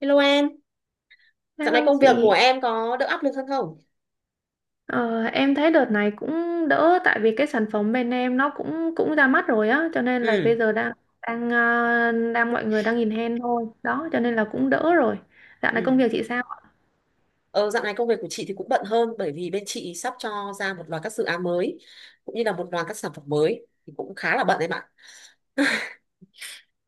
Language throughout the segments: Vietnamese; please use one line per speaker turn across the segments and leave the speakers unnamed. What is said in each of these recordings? Hello em, dạo này
Hello
công việc của
chị.
em có đỡ áp lực hơn không?
Ờ, em thấy đợt này cũng đỡ, tại vì cái sản phẩm bên em nó cũng cũng ra mắt rồi á, cho nên là
Ừ.
bây giờ đang đang ờ, đang mọi người đang nhìn hen thôi, đó, cho nên là cũng đỡ rồi. Dạo này
Ừ.
công việc chị sao?
Ờ, dạo này công việc của chị thì cũng bận hơn bởi vì bên chị sắp cho ra một loạt các dự án mới cũng như là một loạt các sản phẩm mới thì cũng khá là bận em ạ.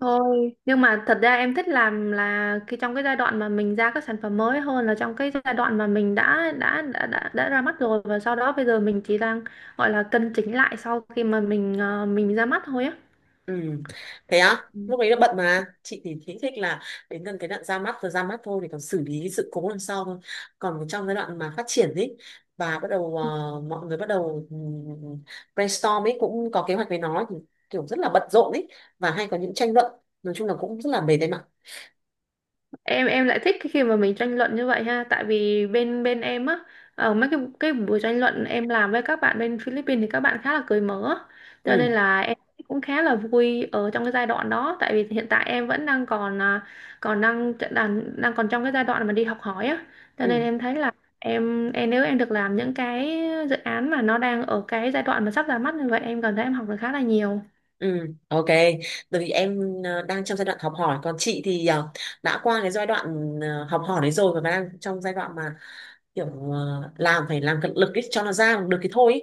Thôi, nhưng mà thật ra em thích làm là cái trong cái giai đoạn mà mình ra các sản phẩm mới hơn là trong cái giai đoạn mà mình đã ra mắt rồi và sau đó bây giờ mình chỉ đang gọi là cân chỉnh lại sau khi mà mình ra mắt thôi á.
Ừ. Thế á, lúc ấy là bận mà chị thì thích thích là đến gần cái đoạn ra mắt rồi ra mắt thôi thì còn xử lý sự cố lần sau thôi. Còn trong giai đoạn mà phát triển ấy và bắt đầu mọi người bắt đầu brainstorm ấy cũng có kế hoạch với nó thì kiểu rất là bận rộn ấy và hay có những tranh luận, nói chung là cũng rất là mệt đấy.
Em lại thích cái khi mà mình tranh luận như vậy ha, tại vì bên bên em á, ở mấy cái buổi tranh luận em làm với các bạn bên Philippines thì các bạn khá là cởi mở, cho nên
Ừ.
là em cũng khá là vui ở trong cái giai đoạn đó, tại vì hiện tại em vẫn đang còn à, còn đang đang đang còn trong cái giai đoạn mà đi học hỏi á, cho nên
Ừ.
em thấy là em nếu em được làm những cái dự án mà nó đang ở cái giai đoạn mà sắp ra mắt như vậy, em cảm thấy em học được khá là nhiều.
Ừ. Ok. Bởi vì em đang trong giai đoạn học hỏi, còn chị thì đã qua cái giai đoạn học hỏi đấy rồi và đang trong giai đoạn mà kiểu làm phải làm cật lực ý, cho nó ra được cái thôi ý.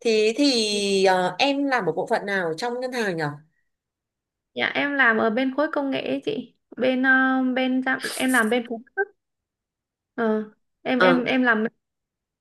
Em làm ở bộ phận nào trong ngân hàng nhỉ?
Dạ em làm ở bên khối công nghệ ấy chị. Bên ờ, bên giám- Em làm bên phụ cấp. Ờ, em
Ờ.
em em làm bên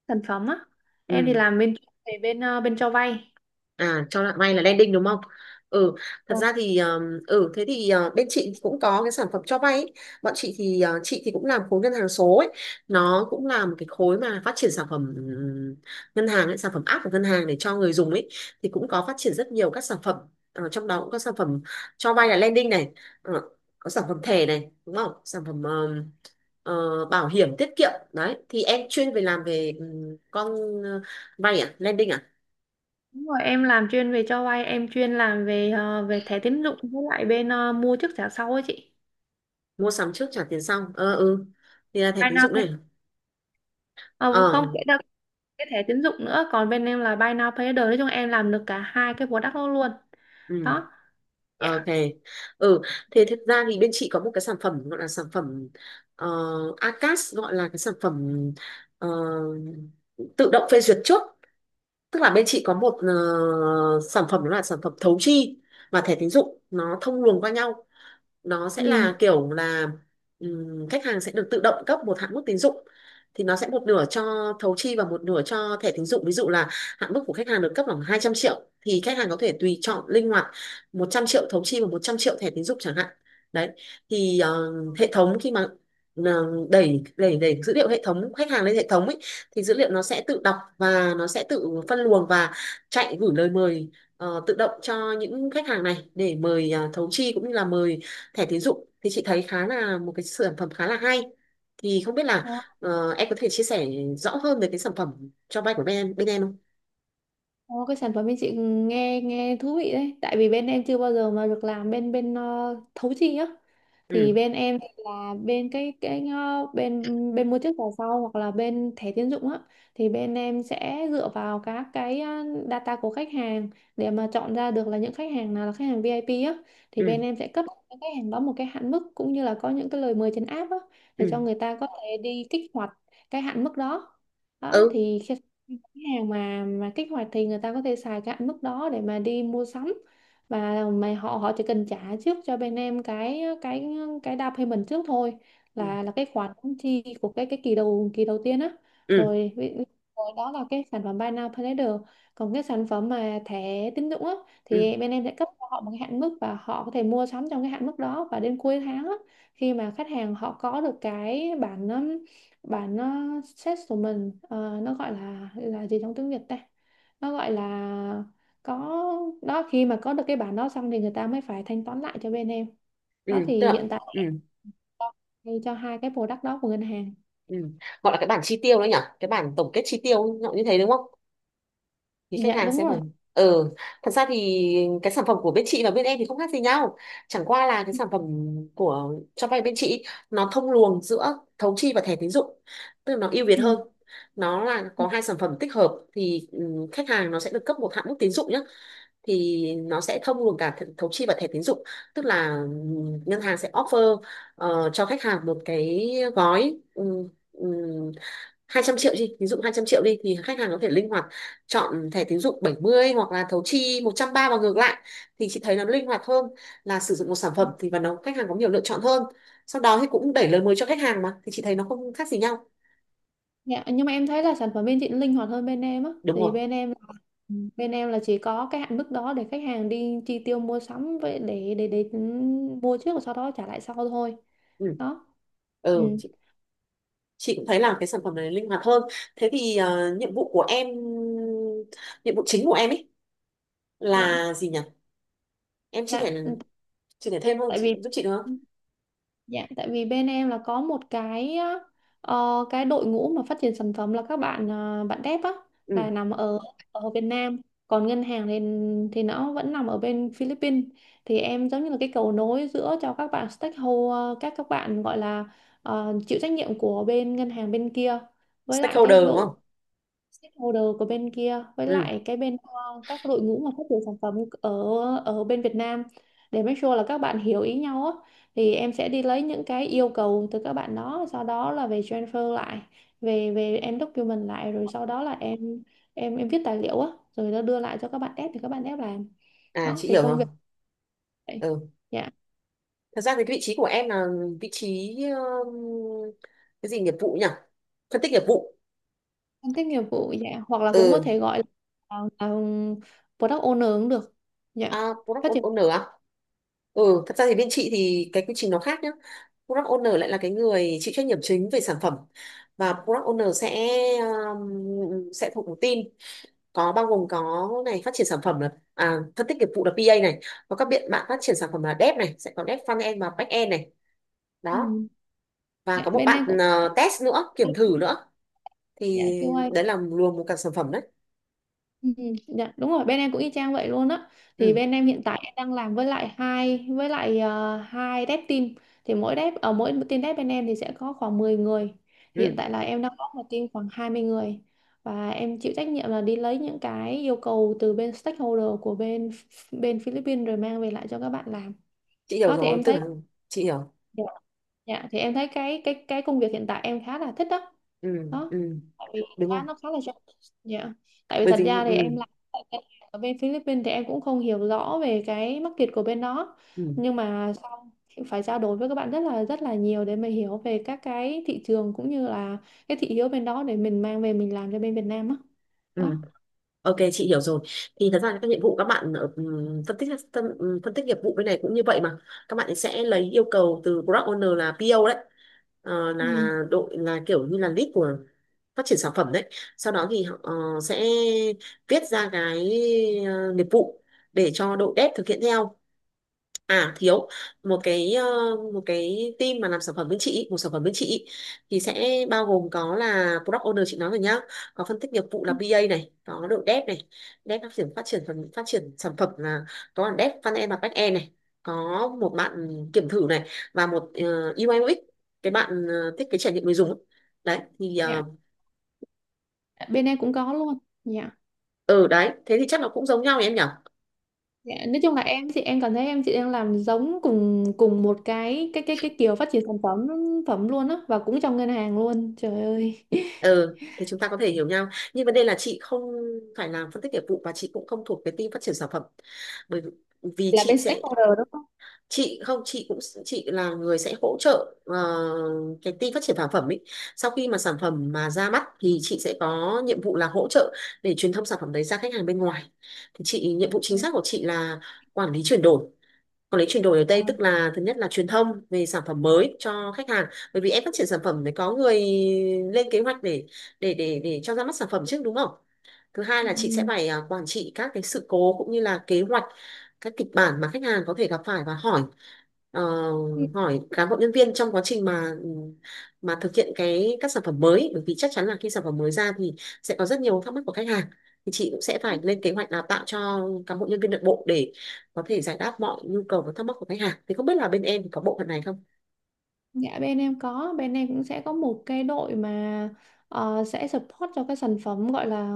sản phẩm á. Em thì
Ừ.
làm bên chuyên về bên cho vay.
À, cho bạn may là landing đúng không? Ừ, thật
Ờ,
ra thì ừ thế thì bên chị cũng có cái sản phẩm cho vay ấy. Bọn chị thì cũng làm khối ngân hàng số ấy. Nó cũng là một cái khối mà phát triển sản phẩm ngân hàng ấy, sản phẩm app của ngân hàng để cho người dùng ấy thì cũng có phát triển rất nhiều các sản phẩm. Ờ, trong đó cũng có sản phẩm cho vay là lending này, ờ, có sản phẩm thẻ này, đúng không? Sản phẩm bảo hiểm tiết kiệm đấy. Thì em chuyên về làm về con ờ, vay à, lending
đúng rồi, em làm chuyên về cho vay, em chuyên làm về về thẻ tín dụng với lại mua trước trả sau ấy chị.
mua sắm trước trả tiền sau. Ờ. Ừ. Thì là thẻ
Buy
tín
now
dụng
pay.
này.
Ờ, không
Ờ.
kể đâu cái thẻ tín dụng nữa, còn bên em là buy now pay later. Nói chung em làm được cả hai cái product đó luôn.
Ừ.
Đó.
Ờ, ok.
Dạ.
Ừ, thế thực ra thì bên chị có một cái sản phẩm gọi là sản phẩm ờ, ACAS, gọi là cái sản phẩm ờ, tự động phê duyệt trước, tức là bên chị có một sản phẩm đó là sản phẩm thấu chi và thẻ tín dụng nó thông luồng qua nhau, nó sẽ
Ừ.
là kiểu là khách hàng sẽ được tự động cấp một hạn mức tín dụng thì nó sẽ một nửa cho thấu chi và một nửa cho thẻ tín dụng, ví dụ là hạn mức của khách hàng được cấp khoảng 200 triệu thì khách hàng có thể tùy chọn linh hoạt 100 triệu thấu chi và 100 triệu thẻ tín dụng chẳng hạn. Đấy thì hệ thống khi mà ờ, đẩy đẩy đẩy dữ liệu hệ thống khách hàng lên hệ thống ấy thì dữ liệu nó sẽ tự đọc và nó sẽ tự phân luồng và chạy gửi lời mời tự động cho những khách hàng này để mời à, thấu chi cũng như là mời thẻ tín dụng, thì chị thấy khá là một cái sản phẩm khá là hay, thì không biết là em có thể chia sẻ rõ hơn về cái sản phẩm cho vay của bên em không?
Ồ, cái sản phẩm bên chị nghe nghe thú vị đấy, tại vì bên em chưa bao giờ mà được làm bên bên ờ, thấu chi á,
Ừ.
thì bên em thì là bên cái ờ, bên bên mua trước vào sau hoặc là bên thẻ tín dụng á, thì bên em sẽ dựa vào các cái data của khách hàng để mà chọn ra được là những khách hàng nào là khách hàng VIP á, thì
Ừ.
bên em sẽ cấp cho những khách hàng đó một cái hạn mức cũng như là có những cái lời mời trên app á, để
Ừ.
cho người ta có thể đi kích hoạt cái hạn mức đó. Đó
Ừ.
thì khi cái hàng mà kích hoạt thì người ta có thể xài cái hạn mức đó để mà đi mua sắm, và mà họ họ chỉ cần trả trước cho bên em cái down payment trước thôi,
Ừ.
là cái khoản chi của cái kỳ đầu, kỳ đầu tiên á.
Ừ.
Rồi, ví- ví- rồi đó là cái sản phẩm buy now pay later, còn cái sản phẩm mà thẻ tín dụng á
Ừ.
thì bên em sẽ cấp cho họ một cái hạn mức và họ có thể mua sắm trong cái hạn mức đó, và đến cuối tháng á, khi mà khách hàng họ có được cái bản bản set của mình, nó gọi là gì trong tiếng Việt ta, nó gọi là có, đó khi mà có được cái bản đó xong thì người ta mới phải thanh toán lại cho bên em.
Ừ.
Đó
Tức
thì
là.
hiện tại
Ừ.
cho hai cái product đó của ngân hàng.
Ừ. Gọi là cái bản chi tiêu đấy nhỉ, cái bản tổng kết chi tiêu nó như thế đúng không? Thì khách
Dạ
hàng
đúng
sẽ phải.
rồi.
Ừ. Thật ra thì cái sản phẩm của bên chị và bên em thì không khác gì nhau, chẳng qua là cái
Ừ,
sản phẩm của cho vay bên chị nó thông luồng giữa thấu chi và thẻ tín dụng tức là nó ưu việt
ừ,
hơn, nó là
ừ.
có hai sản phẩm tích hợp thì ừ, khách hàng nó sẽ được cấp một hạn mức tín dụng nhé. Thì nó sẽ thông luồng cả thấu chi và thẻ tín dụng, tức là ừ, ngân hàng sẽ offer cho khách hàng một cái gói 200 triệu đi, ví dụ 200 triệu đi thì khách hàng có thể linh hoạt chọn thẻ tín dụng 70 hoặc là thấu chi một trăm ba và ngược lại, thì chị thấy nó linh hoạt hơn là sử dụng một sản phẩm thì và nó khách hàng có nhiều lựa chọn hơn, sau đó thì cũng đẩy lời mới cho khách hàng mà, thì chị thấy nó không khác gì nhau.
Dạ, nhưng mà em thấy là sản phẩm bên chị nó linh hoạt hơn bên em á,
Đúng
thì
rồi.
bên em là ừ, bên em là chỉ có cái hạn mức đó để khách hàng đi chi tiêu mua sắm vậy, để ừ, mua trước và sau đó trả lại sau thôi.
Ừ.
Đó. Ừ.
Ừ chị cũng thấy là cái sản phẩm này linh hoạt hơn. Thế thì nhiệm vụ chính của em ấy
Dạ.
là gì nhỉ? Em
Dạ, ừ.
chia sẻ thêm không,
Tại
chị
vì
giúp chị được không?
dạ, tại vì bên em là có một cái cái đội ngũ mà phát triển sản phẩm là các bạn bạn dev á, là
Ừ.
nằm ở ở Việt Nam, còn ngân hàng thì nó vẫn nằm ở bên Philippines. Thì em giống như là cái cầu nối giữa cho các bạn stakeholder, các bạn gọi là chịu trách nhiệm của bên ngân hàng bên kia, với lại cái
Stakeholder đúng
đội
không?
stakeholder của bên kia, với
Ừ.
lại cái các đội ngũ mà phát triển sản phẩm ở ở bên Việt Nam, để make sure là các bạn hiểu ý nhau á. Thì em sẽ đi lấy những cái yêu cầu từ các bạn đó, sau đó là về transfer lại, về về em document lại, rồi sau đó là em viết tài liệu á, rồi nó đưa lại cho các bạn dev thì các bạn dev làm.
À
Đó
chị
thì
hiểu
công
rồi.
việc vậy.
Ừ.
Dạ,
Thật ra thì cái vị trí của em là vị trí um, cái gì nghiệp vụ nhỉ? Phân tích nghiệp vụ.
phân tích nghiệp vụ dạ, hoặc là cũng có
Ừ,
thể gọi là product owner cũng được dạ.
à,
Phát
product
triển.
owner à? Ừ, thật ra thì bên chị thì cái quy trình nó khác nhá. Product owner lại là cái người chịu trách nhiệm chính về sản phẩm và product owner sẽ thuộc một team có bao gồm có này phát triển sản phẩm là à, phân tích nghiệp vụ là PA này, có các bạn bạn phát triển sản phẩm là dev này, sẽ có dev front end và back end này. Đó,
Ừ.
và
Dạ
có một
bên em cũng.
bạn test nữa, kiểm thử nữa,
Dạ
thì
QA.
đấy là luồng một cả sản phẩm đấy.
Ừ, dạ, đúng rồi, bên em cũng y chang vậy luôn á. Thì
Ừ.
bên em hiện tại em đang làm với lại hai, với lại hai dev team. Thì mỗi dev ở mỗi team dev bên em thì sẽ có khoảng 10 người, thì hiện
Ừ
tại là em đang có một team khoảng 20 người, và em chịu trách nhiệm là đi lấy những cái yêu cầu từ bên stakeholder của bên bên Philippines rồi mang về lại cho các bạn làm.
chị hiểu
Đó thì
rồi,
em
tức
thấy.
là chị hiểu.
Dạ, thì em thấy cái công việc hiện tại em khá là thích đó.
Ừ.
Đó
Ừ.
tại vì
Đúng
khá,
không?
nó khá là rộng. Dạ, tại vì
Bởi
thật
vì
ra thì
ừ.
em làm tại ngân hàng ở bên Philippines thì em cũng không hiểu rõ về cái market của bên đó,
Ừ.
nhưng mà sau phải trao đổi với các bạn rất là nhiều để mình hiểu về các cái thị trường cũng như là cái thị hiếu bên đó để mình mang về mình làm cho bên Việt Nam á.
Ừ,
Đó.
ok chị hiểu rồi, thì thật ra các nhiệm vụ các bạn ở, phân tích nghiệp vụ bên này cũng như vậy mà, các bạn sẽ lấy yêu cầu từ product owner là PO đấy. Ờ,
Ừ.
là đội là kiểu như là lead của phát triển sản phẩm đấy, sau đó thì họ sẽ viết ra cái nghiệp vụ để cho đội dev thực hiện theo. À thiếu một cái một cái team mà làm sản phẩm bên chị ý, một sản phẩm bên chị ý, thì sẽ bao gồm có là product owner chị nói rồi nhá, có phân tích nghiệp vụ là BA này, có đội dev này, dev phát triển phần phát triển sản phẩm là có là dev front end và back end này, có một bạn kiểm thử này và một UI UX, cái bạn thiết kế trải nghiệm người dùng ấy. Đấy thì
Dạ, bên em cũng có luôn. Dạ.
ừ, đấy thế thì chắc là cũng giống nhau nhỉ em nhỉ.
Dạ, nói chung là em chị, em cảm thấy em chị đang làm giống cùng cùng một cái kiểu phát triển sản phẩm phẩm luôn á, và cũng trong ngân hàng luôn trời ơi
Ừ thì chúng ta có thể hiểu nhau, nhưng vấn đề là chị không phải làm phân tích nghiệp vụ và chị cũng không thuộc cái team phát triển sản phẩm, bởi vì
là
chị
bên
sẽ
stakeholder đúng không?
chị không chị cũng chị là người sẽ hỗ trợ cái team phát triển sản phẩm ấy, sau khi mà sản phẩm mà ra mắt thì chị sẽ có nhiệm vụ là hỗ trợ để truyền thông sản phẩm đấy ra khách hàng bên ngoài, thì chị nhiệm vụ
Ừ.
chính xác của chị là quản lý chuyển đổi, còn lấy chuyển đổi ở
Ờ.
đây tức là thứ nhất là truyền thông về sản phẩm mới cho khách hàng, bởi vì em phát triển sản phẩm phải có người lên kế hoạch để để cho ra mắt sản phẩm trước đúng không? Thứ hai là chị sẽ phải à, quản trị các cái sự cố cũng như là kế hoạch các kịch bản mà khách hàng có thể gặp phải và hỏi ờ, hỏi cán bộ nhân viên trong quá trình mà thực hiện cái các sản phẩm mới, bởi vì chắc chắn là khi sản phẩm mới ra thì sẽ có rất nhiều thắc mắc của khách hàng, thì chị cũng sẽ
Ừ.
phải lên kế hoạch đào tạo cho cán bộ nhân viên nội bộ để có thể giải đáp mọi nhu cầu và thắc mắc của khách hàng, thì không biết là bên em thì có bộ phận này không?
Dạ bên em có, bên em cũng sẽ có một cái đội mà sẽ support cho cái sản phẩm gọi là,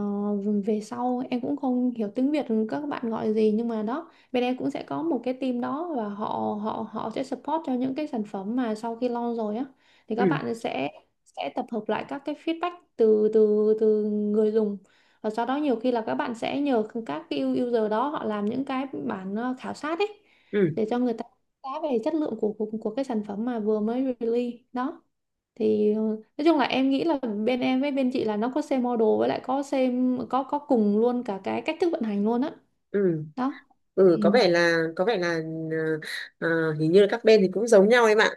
về sau em cũng không hiểu tiếng Việt các bạn gọi gì, nhưng mà đó bên em cũng sẽ có một cái team đó và họ họ họ sẽ support cho những cái sản phẩm mà sau khi launch rồi á. Thì các
Ừ.
bạn sẽ tập hợp lại các cái feedback từ từ từ người dùng, và sau đó nhiều khi là các bạn sẽ nhờ các cái user đó họ làm những cái bản khảo sát ấy,
Ừ.
để cho người ta giá về chất lượng của, của cái sản phẩm mà vừa mới release đó. Thì nói chung là em nghĩ là bên em với bên chị là nó có same model, với lại có same, có cùng luôn cả cái cách thức vận hành luôn á.
Ừ.
Đó.
Ừ.
Ừ,
Có vẻ là ờ, hình như là các bên thì cũng giống nhau em ạ.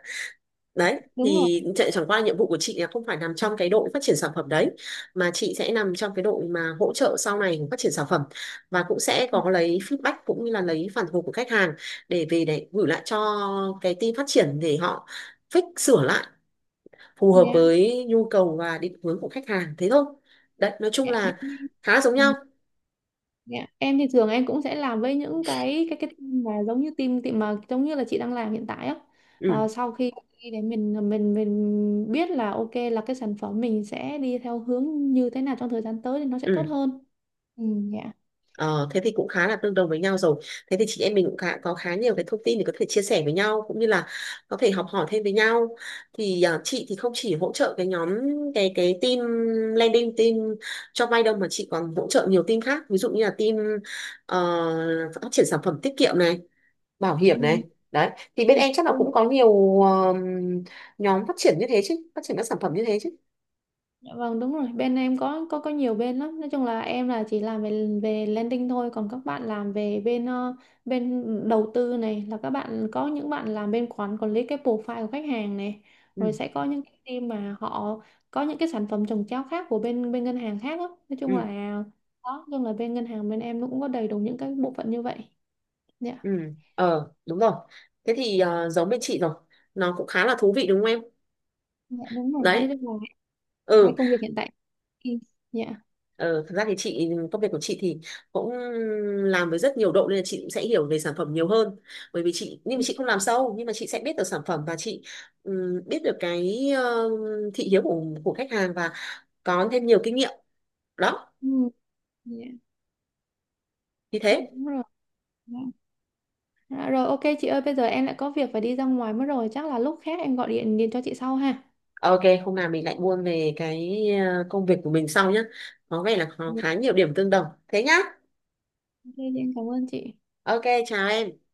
Đấy
đúng rồi.
thì chẳng qua nhiệm vụ của chị là không phải nằm trong cái đội phát triển sản phẩm đấy, mà chị sẽ nằm trong cái đội mà hỗ trợ sau này của phát triển sản phẩm và cũng sẽ có lấy feedback cũng như là lấy phản hồi của khách hàng để về để gửi lại cho cái team phát triển để họ fix sửa lại phù hợp
Dạ,
với nhu cầu và định hướng của khách hàng thế thôi. Đấy, nói chung
dạ, bên
là
em.
khá giống nhau.
Ừ, dạ. Em thì thường em cũng sẽ làm với những cái team mà giống như team team mà giống như là chị đang làm hiện tại á.
Ừ.
Ờ, sau khi khi để mình biết là ok là cái sản phẩm mình sẽ đi theo hướng như thế nào trong thời gian tới thì nó sẽ tốt
Ừ.
hơn. Ừ, dạ.
Ờ, thế thì cũng khá là tương đồng với nhau rồi, thế thì chị em mình cũng khá, có khá nhiều cái thông tin để có thể chia sẻ với nhau cũng như là có thể học hỏi thêm với nhau, thì à, chị thì không chỉ hỗ trợ cái nhóm cái team, landing team cho vay đâu, mà chị còn hỗ trợ nhiều team khác, ví dụ như là team ờ, phát triển sản phẩm tiết kiệm này, bảo
Ừ,
hiểm này, đấy thì bên
ừ,
em chắc là
ừ.
cũng có nhiều nhóm phát triển như thế chứ, phát triển các sản phẩm như thế chứ.
Dạ vâng đúng rồi, bên em có nhiều bên lắm, nói chung là em là chỉ làm về về landing thôi, còn các bạn làm về bên đầu tư này, là các bạn có những bạn làm bên quản quản lý cái profile của khách hàng này,
Ừ.
rồi sẽ có những cái team mà họ có những cái sản phẩm trồng chéo khác của bên bên ngân hàng khác đó. Nói
Ừ.
chung là đó, nói chung là bên ngân hàng bên em nó cũng có đầy đủ những cái bộ phận như vậy. Dạ.
Ừ. Ờ đúng rồi, thế thì giống bên chị rồi, nó cũng khá là thú vị đúng không em?
Dạ đúng rồi,
Đấy.
nói chung là em cảm thấy
Ừ.
công việc hiện tại. Ừ, dạ.
Ờ, thật ra thì chị công việc của chị thì cũng làm với rất nhiều độ nên là chị cũng sẽ hiểu về sản phẩm nhiều hơn, bởi vì chị nhưng mà
Ừ,
chị không làm sâu nhưng mà chị sẽ biết được sản phẩm và chị biết được cái thị hiếu của khách hàng và có thêm nhiều kinh nghiệm, đó
ừ, dạ.
như
Dạ,
thế.
đúng rồi. Dạ. Dạ rồi ok chị ơi, bây giờ em lại có việc phải đi ra ngoài mất rồi, chắc là lúc khác em gọi điện điện cho chị sau ha.
Ờ, ok, hôm nào mình lại buôn về cái công việc của mình sau nhé. Có vẻ là có
Dạ,
khá nhiều điểm tương đồng. Thế nhá.
ok, chị em cảm ơn chị.
Ok, chào em.